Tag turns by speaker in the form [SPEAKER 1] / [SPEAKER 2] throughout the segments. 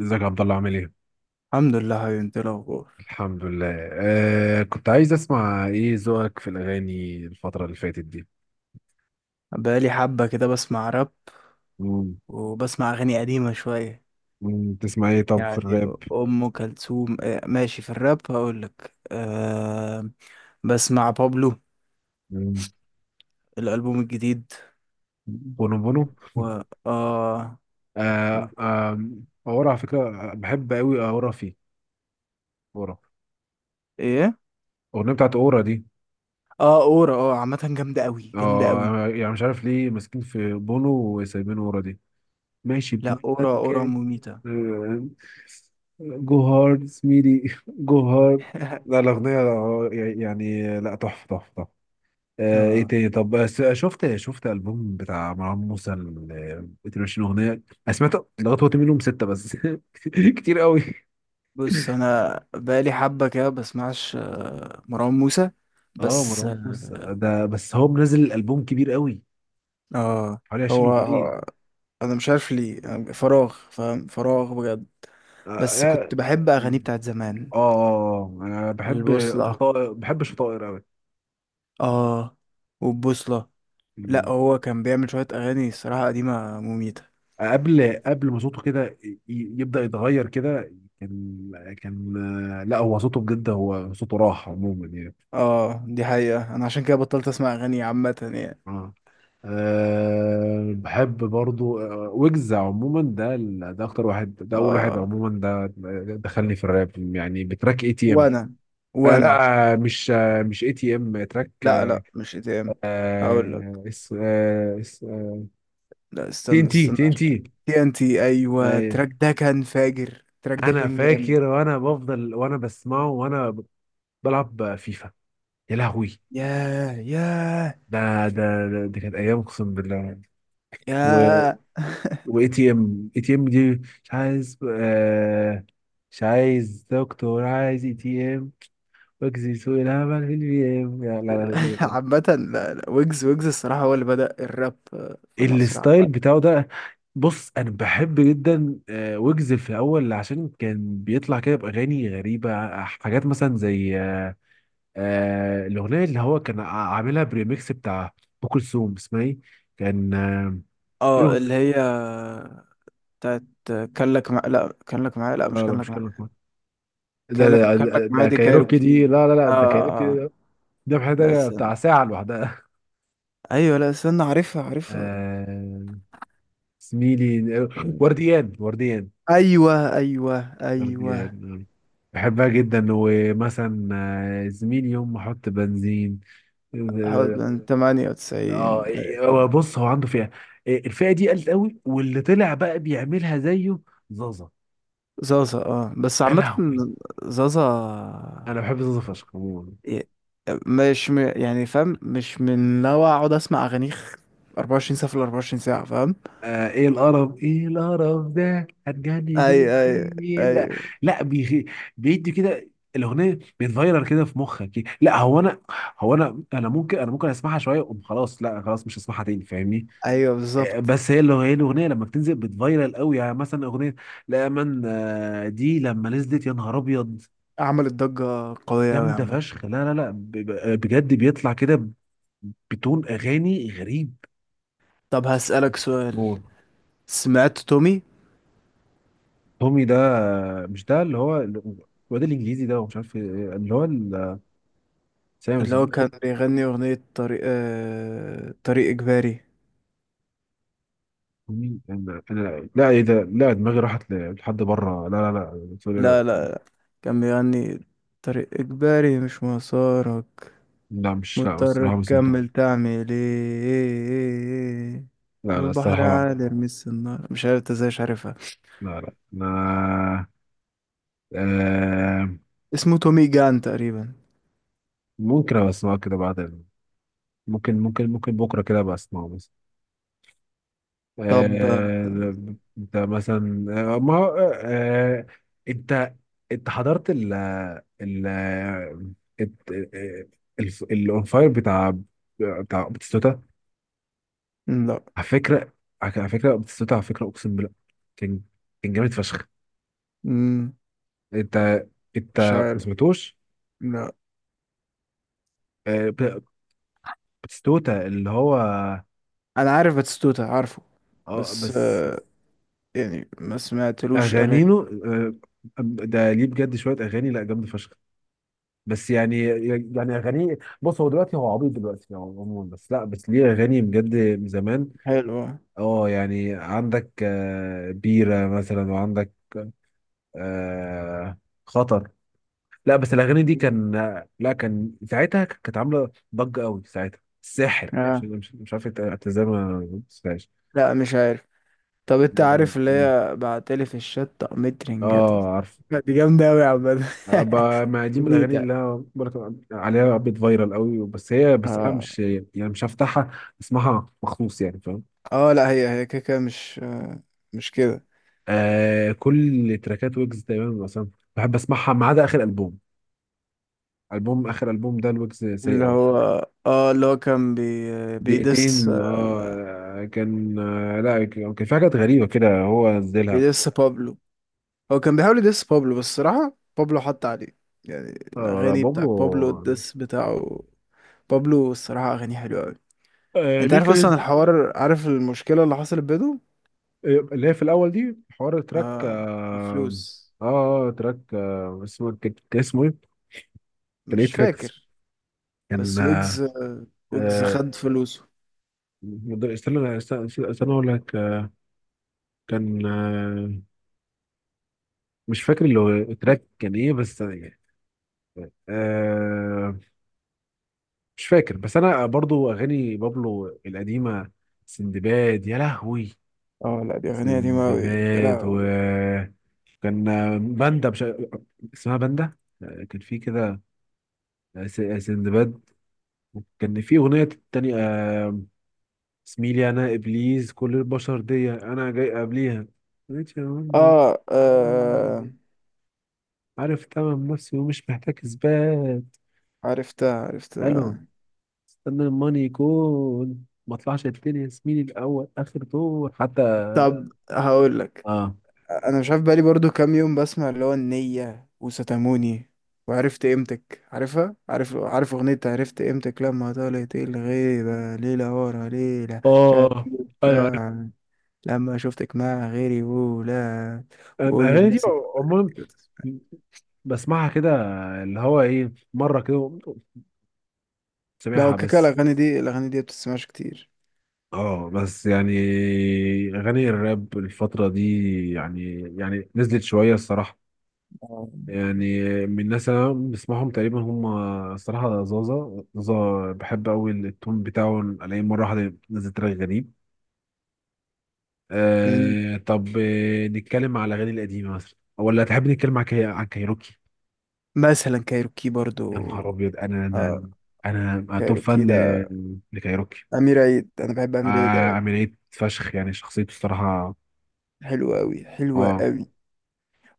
[SPEAKER 1] ازيك يا عبد الله عامل ايه؟
[SPEAKER 2] الحمد لله حبيبي، انت ايه الاخبار؟
[SPEAKER 1] الحمد لله. كنت عايز اسمع ايه ذوقك في الاغاني الفترة اللي فاتت دي؟
[SPEAKER 2] بقالي حبه كده بسمع راب،
[SPEAKER 1] مم.
[SPEAKER 2] وبسمع اغاني قديمه شويه.
[SPEAKER 1] تسمع ايه طب في
[SPEAKER 2] يعني
[SPEAKER 1] الراب؟
[SPEAKER 2] ام كلثوم اه، ماشي في الراب هقول لك. بسمع بابلو
[SPEAKER 1] مم.
[SPEAKER 2] الالبوم الجديد.
[SPEAKER 1] بونو بونو.
[SPEAKER 2] و اه و...
[SPEAKER 1] آه آه اورا على فكرة بحب قوي اورا فيه. اورا
[SPEAKER 2] ايه،
[SPEAKER 1] الاغنية بتاعت اورا دي.
[SPEAKER 2] اه اورا. اه عامه جامده قوي، جامده قوي.
[SPEAKER 1] اه يعني مش عارف ليه ماسكين في بونو وسايبين اورا دي. ماشي
[SPEAKER 2] لا
[SPEAKER 1] بلان.
[SPEAKER 2] اورا، اورا
[SPEAKER 1] كات.
[SPEAKER 2] مميته.
[SPEAKER 1] جو هارد سميري. جو هارد. لا الأغنية يعني لا تحفة تحفة تحفة. ايه
[SPEAKER 2] آه
[SPEAKER 1] تاني طب بس شفت البوم بتاع مروان موسى ال 22 اغنيه. انا سمعت لغايه وقت منهم سته بس. كتير قوي.
[SPEAKER 2] بص، انا بقالي حبه كده بسمعش، مروان موسى
[SPEAKER 1] اه
[SPEAKER 2] بس.
[SPEAKER 1] مروان موسى ده بس هو منزل الالبوم كبير قوي
[SPEAKER 2] اه
[SPEAKER 1] حوالي 20
[SPEAKER 2] هو،
[SPEAKER 1] اغنيه.
[SPEAKER 2] انا مش عارف ليه، أنا فراغ فاهم، فراغ بجد.
[SPEAKER 1] اه
[SPEAKER 2] بس
[SPEAKER 1] اه.
[SPEAKER 2] كنت بحب اغانيه بتاعت زمان،
[SPEAKER 1] انا بحب
[SPEAKER 2] البوصلة.
[SPEAKER 1] شطائر، بحب شطائر قوي.
[SPEAKER 2] اه، والبوصلة. لا
[SPEAKER 1] مم.
[SPEAKER 2] هو كان بيعمل شوية اغاني الصراحة قديمة مميتة.
[SPEAKER 1] قبل ما صوته كده يبدا يتغير كده. كان كان لا هو صوته بجد، هو صوته راح عموما يعني.
[SPEAKER 2] اه دي حقيقة، انا عشان كده بطلت اسمع اغاني عامة يعني.
[SPEAKER 1] اه. بحب برضو ويجز عموما، ده اكتر واحد، ده اول واحد
[SPEAKER 2] اه.
[SPEAKER 1] عموما ده. دخلني في الراب يعني بتراك اي تي ام.
[SPEAKER 2] وانا
[SPEAKER 1] آه
[SPEAKER 2] وانا
[SPEAKER 1] لا آه، مش آه مش اي تي ام تراك.
[SPEAKER 2] لا لا مش اتهام، هقول لك.
[SPEAKER 1] آه اس آه اس
[SPEAKER 2] لا
[SPEAKER 1] تي ان
[SPEAKER 2] استنى
[SPEAKER 1] تي،
[SPEAKER 2] استنى.
[SPEAKER 1] تي ان تي.
[SPEAKER 2] تي ان تي، ايوه التراك ده كان فاجر، التراك ده
[SPEAKER 1] انا
[SPEAKER 2] كان جامد.
[SPEAKER 1] فاكر وانا بفضل وانا بسمعه وانا بلعب فيفا. يا لهوي.
[SPEAKER 2] ياه ياه
[SPEAKER 1] ده دي كانت ايام اقسم بالله.
[SPEAKER 2] ياه
[SPEAKER 1] واي تي ام، اي تي ام دي. مش عايز مش عايز دكتور، عايز اي تي ام. واجزي سوق العمل في البي ام، لا لا لا.
[SPEAKER 2] عامة، لا، ويجز، ويجز الصراحة هو اللي بدأ الراب في مصر
[SPEAKER 1] الستايل
[SPEAKER 2] عامة.
[SPEAKER 1] بتاعه ده. بص انا بحب جدا ويجز في الاول عشان كان بيطلع كده باغاني غريبه حاجات مثلا زي الاغنيه اللي هو كان عاملها بريميكس بتاع ام كلثوم، اسمها ايه؟ كان آه، في
[SPEAKER 2] اه اللي
[SPEAKER 1] اغنيه.
[SPEAKER 2] هي بتاعت، لا كان لك معايا، لا مش
[SPEAKER 1] لا لا
[SPEAKER 2] كان لك
[SPEAKER 1] مش
[SPEAKER 2] معايا،
[SPEAKER 1] كلمه. ده
[SPEAKER 2] كان لك،
[SPEAKER 1] ده
[SPEAKER 2] كان لك معايا
[SPEAKER 1] ده
[SPEAKER 2] دي
[SPEAKER 1] كايروكي، دي
[SPEAKER 2] كايروكي.
[SPEAKER 1] لا لا لا
[SPEAKER 2] اه
[SPEAKER 1] ده
[SPEAKER 2] اه،
[SPEAKER 1] كايروكي. الذبح
[SPEAKER 2] لا
[SPEAKER 1] ده
[SPEAKER 2] استنى،
[SPEAKER 1] بتاع ساعة لوحدها.
[SPEAKER 2] ايوه لا استنى عارفها عارفها.
[SPEAKER 1] آه، زميلي ورديان. ورديان
[SPEAKER 2] ايوه ايوه ايوه.
[SPEAKER 1] ورديان آه. بحبها جدا. ومثلا زميلي يوم ما احط بنزين.
[SPEAKER 2] حوالي
[SPEAKER 1] اه.
[SPEAKER 2] من
[SPEAKER 1] آه،
[SPEAKER 2] 98.
[SPEAKER 1] هو بص هو عنده فئة. الفئة دي قلت قوي، واللي طلع بقى بيعملها زيه زازا.
[SPEAKER 2] زازا اه، بس
[SPEAKER 1] يا
[SPEAKER 2] عامة
[SPEAKER 1] لهوي.
[SPEAKER 2] زازا.
[SPEAKER 1] انا بحب زازا فشخ.
[SPEAKER 2] ي- مش م... يعني فاهم، مش من نوع اقعد اسمع اغانيه 24 ساعة في ال 24 ساعة فاهم؟
[SPEAKER 1] ايه القرف، ايه القرف ده، هتجني
[SPEAKER 2] ايوه ايوه
[SPEAKER 1] دوني لا.
[SPEAKER 2] ايوه
[SPEAKER 1] لا بيدي كده. الاغنيه بتفيرر كده في مخك كده. لا هو انا، ممكن اسمعها شويه وأقوم خلاص، لا خلاص مش هسمعها تاني فاهمني؟
[SPEAKER 2] ايوه بالظبط.
[SPEAKER 1] بس هي اللي هي الاغنيه لما بتنزل بتفيرل قوي، يعني مثلا اغنيه لا من دي لما نزلت، يا نهار ابيض.
[SPEAKER 2] عملت ضجة قوية أوي
[SPEAKER 1] جامده
[SPEAKER 2] عامة.
[SPEAKER 1] فشخ لا لا لا بجد بيطلع كده بتون اغاني غريب.
[SPEAKER 2] طب هسألك سؤال، سمعت تومي؟
[SPEAKER 1] تومي ده مش ده اللي هو الواد الانجليزي ده ومش عارف إيه، اللي هو سامس.
[SPEAKER 2] اللي هو كان بيغني أغنية طريق، طريق إجباري.
[SPEAKER 1] تومي انا لا ايه ده، لا دماغي راحت لحد بره، لا لا لا سوري، لا
[SPEAKER 2] لا
[SPEAKER 1] لا.
[SPEAKER 2] لا لا، كان بيغني طريق إجباري مش مسارك،
[SPEAKER 1] لا، مش لا بس لا
[SPEAKER 2] مضطر
[SPEAKER 1] ما
[SPEAKER 2] تكمل
[SPEAKER 1] سمعتوش.
[SPEAKER 2] تعمل ايه،
[SPEAKER 1] لا لا
[SPEAKER 2] البحر
[SPEAKER 1] الصراحه.
[SPEAKER 2] عالي ارمي السنارة. مش عارف انت ازاي مش عارفها.
[SPEAKER 1] لا لا انا. آه
[SPEAKER 2] اسمه تومي جان تقريبا.
[SPEAKER 1] ممكن ابقى اسمعه كده بعدين. ممكن بكره كده ابقى اسمعه.
[SPEAKER 2] طب.
[SPEAKER 1] آه، انت مثلا ما هو انت انت حضرت ال الت- الانفاير بتاع بتستوتا.
[SPEAKER 2] لا.
[SPEAKER 1] على فكره، على فكره بتستوتا، على فكره اقسم بالله. كان كان جامد فشخ.
[SPEAKER 2] مم،
[SPEAKER 1] انت انت
[SPEAKER 2] مش
[SPEAKER 1] ما
[SPEAKER 2] عارف.
[SPEAKER 1] سمعتوش؟
[SPEAKER 2] لا
[SPEAKER 1] آه، ب- بتستوتا اللي هو
[SPEAKER 2] انا عارف باتيستوتا عارفه.
[SPEAKER 1] اه.
[SPEAKER 2] بس
[SPEAKER 1] بس
[SPEAKER 2] يعني ما سمعتلوش اغاني
[SPEAKER 1] اغانينه آه، ده ليه بجد شويه اغاني لا جامده فشخ. بس يعني يعني اغانيه بص هو دلوقتي هو عبيط دلوقتي يعني عموما، بس لا بس ليه اغاني بجد من زمان.
[SPEAKER 2] حلوة.
[SPEAKER 1] اه يعني عندك بيرة مثلا، وعندك آه، خطر. لا بس الاغاني دي
[SPEAKER 2] مم.
[SPEAKER 1] كان، لا كان ساعتها كانت عامله ضجه قوي، ساعتها الساحر
[SPEAKER 2] آه.
[SPEAKER 1] مش عارف انت ازاي ما شفتهاش.
[SPEAKER 2] لا مش عارف. طب انت
[SPEAKER 1] اه
[SPEAKER 2] عارف اللي هي بعتلي في الشات طقمت رنجات؟
[SPEAKER 1] عارف.
[SPEAKER 2] لا، دي جامدة اوي يا عم.
[SPEAKER 1] ما دي من
[SPEAKER 2] جميل
[SPEAKER 1] الاغاني اللي
[SPEAKER 2] يعني.
[SPEAKER 1] انا برضه عليها بيت فايرال قوي، بس هي بس انا
[SPEAKER 2] اه
[SPEAKER 1] مش يعني مش هفتحها اسمعها مخصوص يعني.
[SPEAKER 2] اه. لا هي كده كده مش آه، مش كده.
[SPEAKER 1] آه كل تراكات ويجز تقريبا مثلا بحب اسمعها ما عدا اخر البوم. اخر البوم ده الويجز سيء
[SPEAKER 2] اللي
[SPEAKER 1] قوي.
[SPEAKER 2] هو، اه اللي هو كان بيدس،
[SPEAKER 1] دقيقتين. اه كان آه لا كان كان في حاجات غريبه كده هو نزلها.
[SPEAKER 2] بيدس بابلو. هو كان بيحاول يدس بابلو، بس الصراحة بابلو حط عليه. يعني
[SPEAKER 1] آه لا
[SPEAKER 2] الأغاني
[SPEAKER 1] بابلو.
[SPEAKER 2] بتاع بابلو الدس بتاعه، بابلو الصراحة أغاني حلوة أوي.
[SPEAKER 1] آه
[SPEAKER 2] أنت
[SPEAKER 1] ليه
[SPEAKER 2] عارف أصلا
[SPEAKER 1] كريز.
[SPEAKER 2] الحوار؟ عارف المشكلة اللي حصلت بينهم؟
[SPEAKER 1] اللي هي في الاول دي حوار تراك
[SPEAKER 2] آه
[SPEAKER 1] اه.
[SPEAKER 2] الفلوس.
[SPEAKER 1] تراك اسمه كان اسمه ايه؟ كان ايه
[SPEAKER 2] مش
[SPEAKER 1] تراك اسمه؟
[SPEAKER 2] فاكر.
[SPEAKER 1] كان
[SPEAKER 2] بس
[SPEAKER 1] آه
[SPEAKER 2] ويجز، ويجز
[SPEAKER 1] آه،
[SPEAKER 2] خد فلوسه.
[SPEAKER 1] استنى اقول لك. آه، كان آه، مش فاكر اللي هو التراك كان ايه بس يعني. آه مش فاكر. بس انا برضو اغاني بابلو القديمه، سندباد. يا لهوي
[SPEAKER 2] اه لا دي أغنية قديمة أوي. يا
[SPEAKER 1] سندباد. و
[SPEAKER 2] لهوي.
[SPEAKER 1] كان باندا مش... اسمها باندا. كان في كده سندباد. كان في اغنيه تانية اسمي لي انا ابليس كل البشر دي انا جاي قبليها.
[SPEAKER 2] آه، آه.
[SPEAKER 1] عارف تمام نفسي ومش محتاج اثبات.
[SPEAKER 2] عرفتها
[SPEAKER 1] الو،
[SPEAKER 2] عرفتها.
[SPEAKER 1] استنى الماني يكون ما طلعش التاني يا زميلي، الاول اخر دور حتى.
[SPEAKER 2] طب هقول لك،
[SPEAKER 1] اه
[SPEAKER 2] أنا مش عارف بقالي برضو كام يوم بسمع اللي هو النية، وستاموني، وعرفت قيمتك، عارفها، عارف أغنية عرفت قيمتك، لما طالت الغيبة ليلة ورا ليلة شاب،
[SPEAKER 1] اه ايوه عارف.
[SPEAKER 2] لما شفتك مع غيري، ولا وقول
[SPEAKER 1] الاغاني دي
[SPEAKER 2] للناس.
[SPEAKER 1] عموما بسمعها كده، اللي هو ايه مره كده،
[SPEAKER 2] لا هو
[SPEAKER 1] سامعها
[SPEAKER 2] كاكا
[SPEAKER 1] بس.
[SPEAKER 2] الأغاني دي، بتسمعش كتير.
[SPEAKER 1] اه بس يعني اغاني الراب الفتره دي يعني يعني نزلت شويه الصراحه.
[SPEAKER 2] آه.
[SPEAKER 1] يعني من الناس اللي انا بسمعهم تقريبا هم الصراحه زازا. بحب قوي التون بتاعه، الاقيه مره واحده نزل تراك غريب.
[SPEAKER 2] مم.
[SPEAKER 1] آه طب آه نتكلم على الأغاني القديمة مثلا، ولا تحب نتكلم عن عن كايروكي؟
[SPEAKER 2] مثلا كايروكي
[SPEAKER 1] يا نهار
[SPEAKER 2] برضو.
[SPEAKER 1] أبيض. أنا
[SPEAKER 2] اه
[SPEAKER 1] أنا أنا أنا توب
[SPEAKER 2] كايروكي
[SPEAKER 1] فان
[SPEAKER 2] ده
[SPEAKER 1] لكايروكي.
[SPEAKER 2] أمير عيد، أنا بحب
[SPEAKER 1] آه.
[SPEAKER 2] أمير عيد أوي.
[SPEAKER 1] عملية فشخ يعني شخصيته الصراحة.
[SPEAKER 2] حلوة أوي، حلوة
[SPEAKER 1] آه.
[SPEAKER 2] أوي.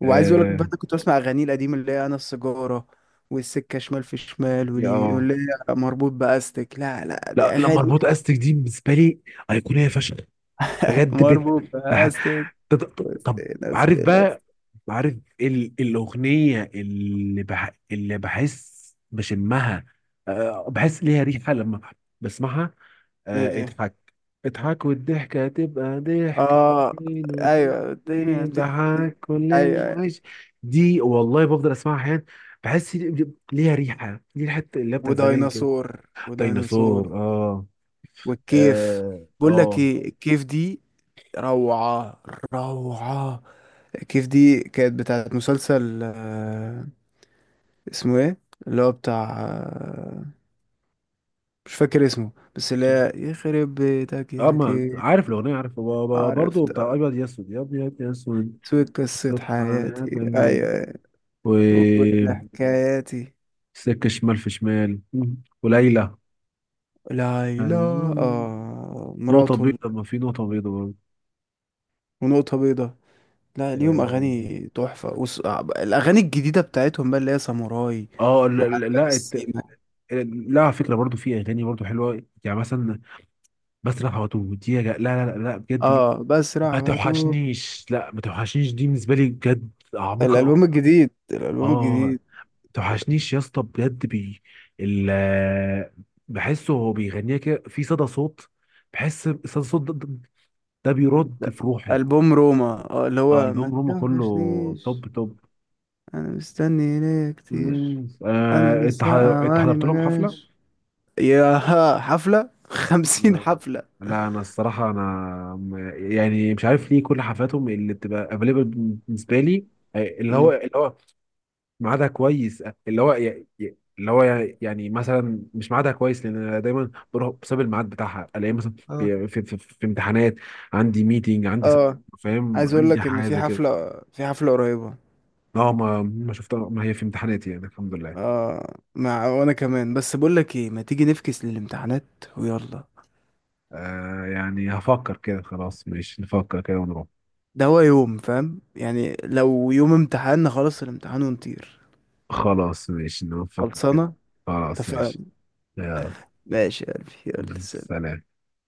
[SPEAKER 2] وعايز أقول لك بقى،
[SPEAKER 1] آه
[SPEAKER 2] أنا كنت بسمع أغانيه القديمة اللي هي أنا السيجارة، والسكة شمال في شمال
[SPEAKER 1] يا
[SPEAKER 2] واليمين،
[SPEAKER 1] آه
[SPEAKER 2] واللي هي مربوط بأستك. لا لا دي
[SPEAKER 1] لا لما
[SPEAKER 2] أغاني.
[SPEAKER 1] اربط استك دي بالنسبة لي أيقونية فشخ. بجد بت...
[SPEAKER 2] مربوط
[SPEAKER 1] بح...
[SPEAKER 2] بأستك،
[SPEAKER 1] ط- ط-
[SPEAKER 2] وسط
[SPEAKER 1] طب،
[SPEAKER 2] ناس
[SPEAKER 1] عارف
[SPEAKER 2] بلا-
[SPEAKER 1] بقى، عارف الأغنية اللي اللي بحس بشمها، أه بحس ليها ريحة لما بسمعها. أه
[SPEAKER 2] إيه.
[SPEAKER 1] اضحك. اضحك والضحكة تبقى ضحكة،
[SPEAKER 2] اه.
[SPEAKER 1] اتنين
[SPEAKER 2] ايوه الدنيا
[SPEAKER 1] واتنين
[SPEAKER 2] بتمشي،
[SPEAKER 1] ضحك كل
[SPEAKER 2] ايوه أيوة.
[SPEAKER 1] العيش. دي والله بفضل اسمعها احيانا. بحس ليها ريحة، دي ريحة اللي هي بتاعت زمان كده.
[SPEAKER 2] وديناصور، وديناصور،
[SPEAKER 1] ديناصور اه.
[SPEAKER 2] والكيف.
[SPEAKER 1] اه
[SPEAKER 2] بقول لك
[SPEAKER 1] اه
[SPEAKER 2] ايه الكيف دي، روعة، روعة. الكيف دي كانت بتاعت مسلسل، اسمه ايه اللي هو بتاع، مش فاكر اسمه، بس اللي هي يخرب بيتك
[SPEAKER 1] اه.
[SPEAKER 2] يا
[SPEAKER 1] ما
[SPEAKER 2] كيف.
[SPEAKER 1] عارف الاغنيه، عارف هو هو برضه
[SPEAKER 2] عرفت،
[SPEAKER 1] بتاع ابيض يسود، يا ابيض يسود.
[SPEAKER 2] سويت قصة
[SPEAKER 1] قصة
[SPEAKER 2] حياتي،
[SPEAKER 1] حياتي.
[SPEAKER 2] ايوه أيوة. وكل
[SPEAKER 1] و
[SPEAKER 2] حكاياتي.
[SPEAKER 1] سكة شمال في شمال، وليلى.
[SPEAKER 2] ليلى.
[SPEAKER 1] أيوة.
[SPEAKER 2] اه
[SPEAKER 1] نقطة
[SPEAKER 2] مراته
[SPEAKER 1] بيضة، ما في نقطة بيضة برضه.
[SPEAKER 2] ونقطة بيضاء. لا ليهم
[SPEAKER 1] اه
[SPEAKER 2] اغاني تحفه، الاغاني الجديده بتاعتهم بقى، اللي هي ساموراي،
[SPEAKER 1] آه، لا
[SPEAKER 2] وعلى
[SPEAKER 1] لا
[SPEAKER 2] باب
[SPEAKER 1] لا الت-
[SPEAKER 2] السيما.
[SPEAKER 1] لا على فكرة برضه في أغاني برضه حلوة يعني مثلا بسرح واتوه دي يا لا لا لا لا، بجد دي
[SPEAKER 2] اه بسرح
[SPEAKER 1] ما
[SPEAKER 2] واتوه.
[SPEAKER 1] توحشنيش. لا ما توحشنيش دي بالنسبة لي بجد عميقة أوي.
[SPEAKER 2] الالبوم الجديد الالبوم
[SPEAKER 1] اه
[SPEAKER 2] الجديد
[SPEAKER 1] توحشنيش يا اسطى بجد بي ال بحسه هو بيغنيها كده في صدى صوت. بحس صدى صوت ده بيرد
[SPEAKER 2] ده
[SPEAKER 1] في روحي.
[SPEAKER 2] البوم روما. اه اللي هو ما
[SPEAKER 1] البوم روما كله
[SPEAKER 2] توحشنيش.
[SPEAKER 1] توب توب.
[SPEAKER 2] انا مستني ليا كتير.
[SPEAKER 1] مم. آه،
[SPEAKER 2] انا
[SPEAKER 1] انت
[SPEAKER 2] لسه
[SPEAKER 1] ح- انت
[SPEAKER 2] اواني
[SPEAKER 1] حضرت
[SPEAKER 2] ما
[SPEAKER 1] لهم حفله؟
[SPEAKER 2] جاش. يا ها، حفله خمسين
[SPEAKER 1] آه،
[SPEAKER 2] حفله
[SPEAKER 1] لا انا الصراحه انا م- يعني مش عارف ليه كل حفلاتهم اللي بتبقى افيلبل بالنسبه لي آه، اللي هو
[SPEAKER 2] مم.
[SPEAKER 1] اللي هو ميعادها كويس. اللي هو ي- ي- اللي هو يعني مثلا مش ميعادها كويس، لان انا دايما بروح بسبب الميعاد بتاعها الاقي مثلا
[SPEAKER 2] اه
[SPEAKER 1] في امتحانات، عندي ميتنج، عندي
[SPEAKER 2] اه. عايز
[SPEAKER 1] فاهم
[SPEAKER 2] اقول
[SPEAKER 1] عندي
[SPEAKER 2] لك ان
[SPEAKER 1] حاجه زي كده.
[SPEAKER 2] في حفله قريبه.
[SPEAKER 1] اه ما شفتها، ما هي في امتحاناتي يعني الحمد لله.
[SPEAKER 2] اه مع، وانا كمان. بس بقول لك ايه، ما تيجي نفكس للامتحانات، ويلا.
[SPEAKER 1] يعني هفكر كده، خلاص ماشي نفكر كده ونروح.
[SPEAKER 2] ده هو يوم فاهم، يعني لو يوم امتحان خلاص الامتحان ونطير.
[SPEAKER 1] خلاص ماشي نفكر كده.
[SPEAKER 2] خلصانه.
[SPEAKER 1] خلاص
[SPEAKER 2] اتفقنا.
[SPEAKER 1] ماشي. يلا
[SPEAKER 2] ماشي يا قلبي، يلا سلام.
[SPEAKER 1] سلام.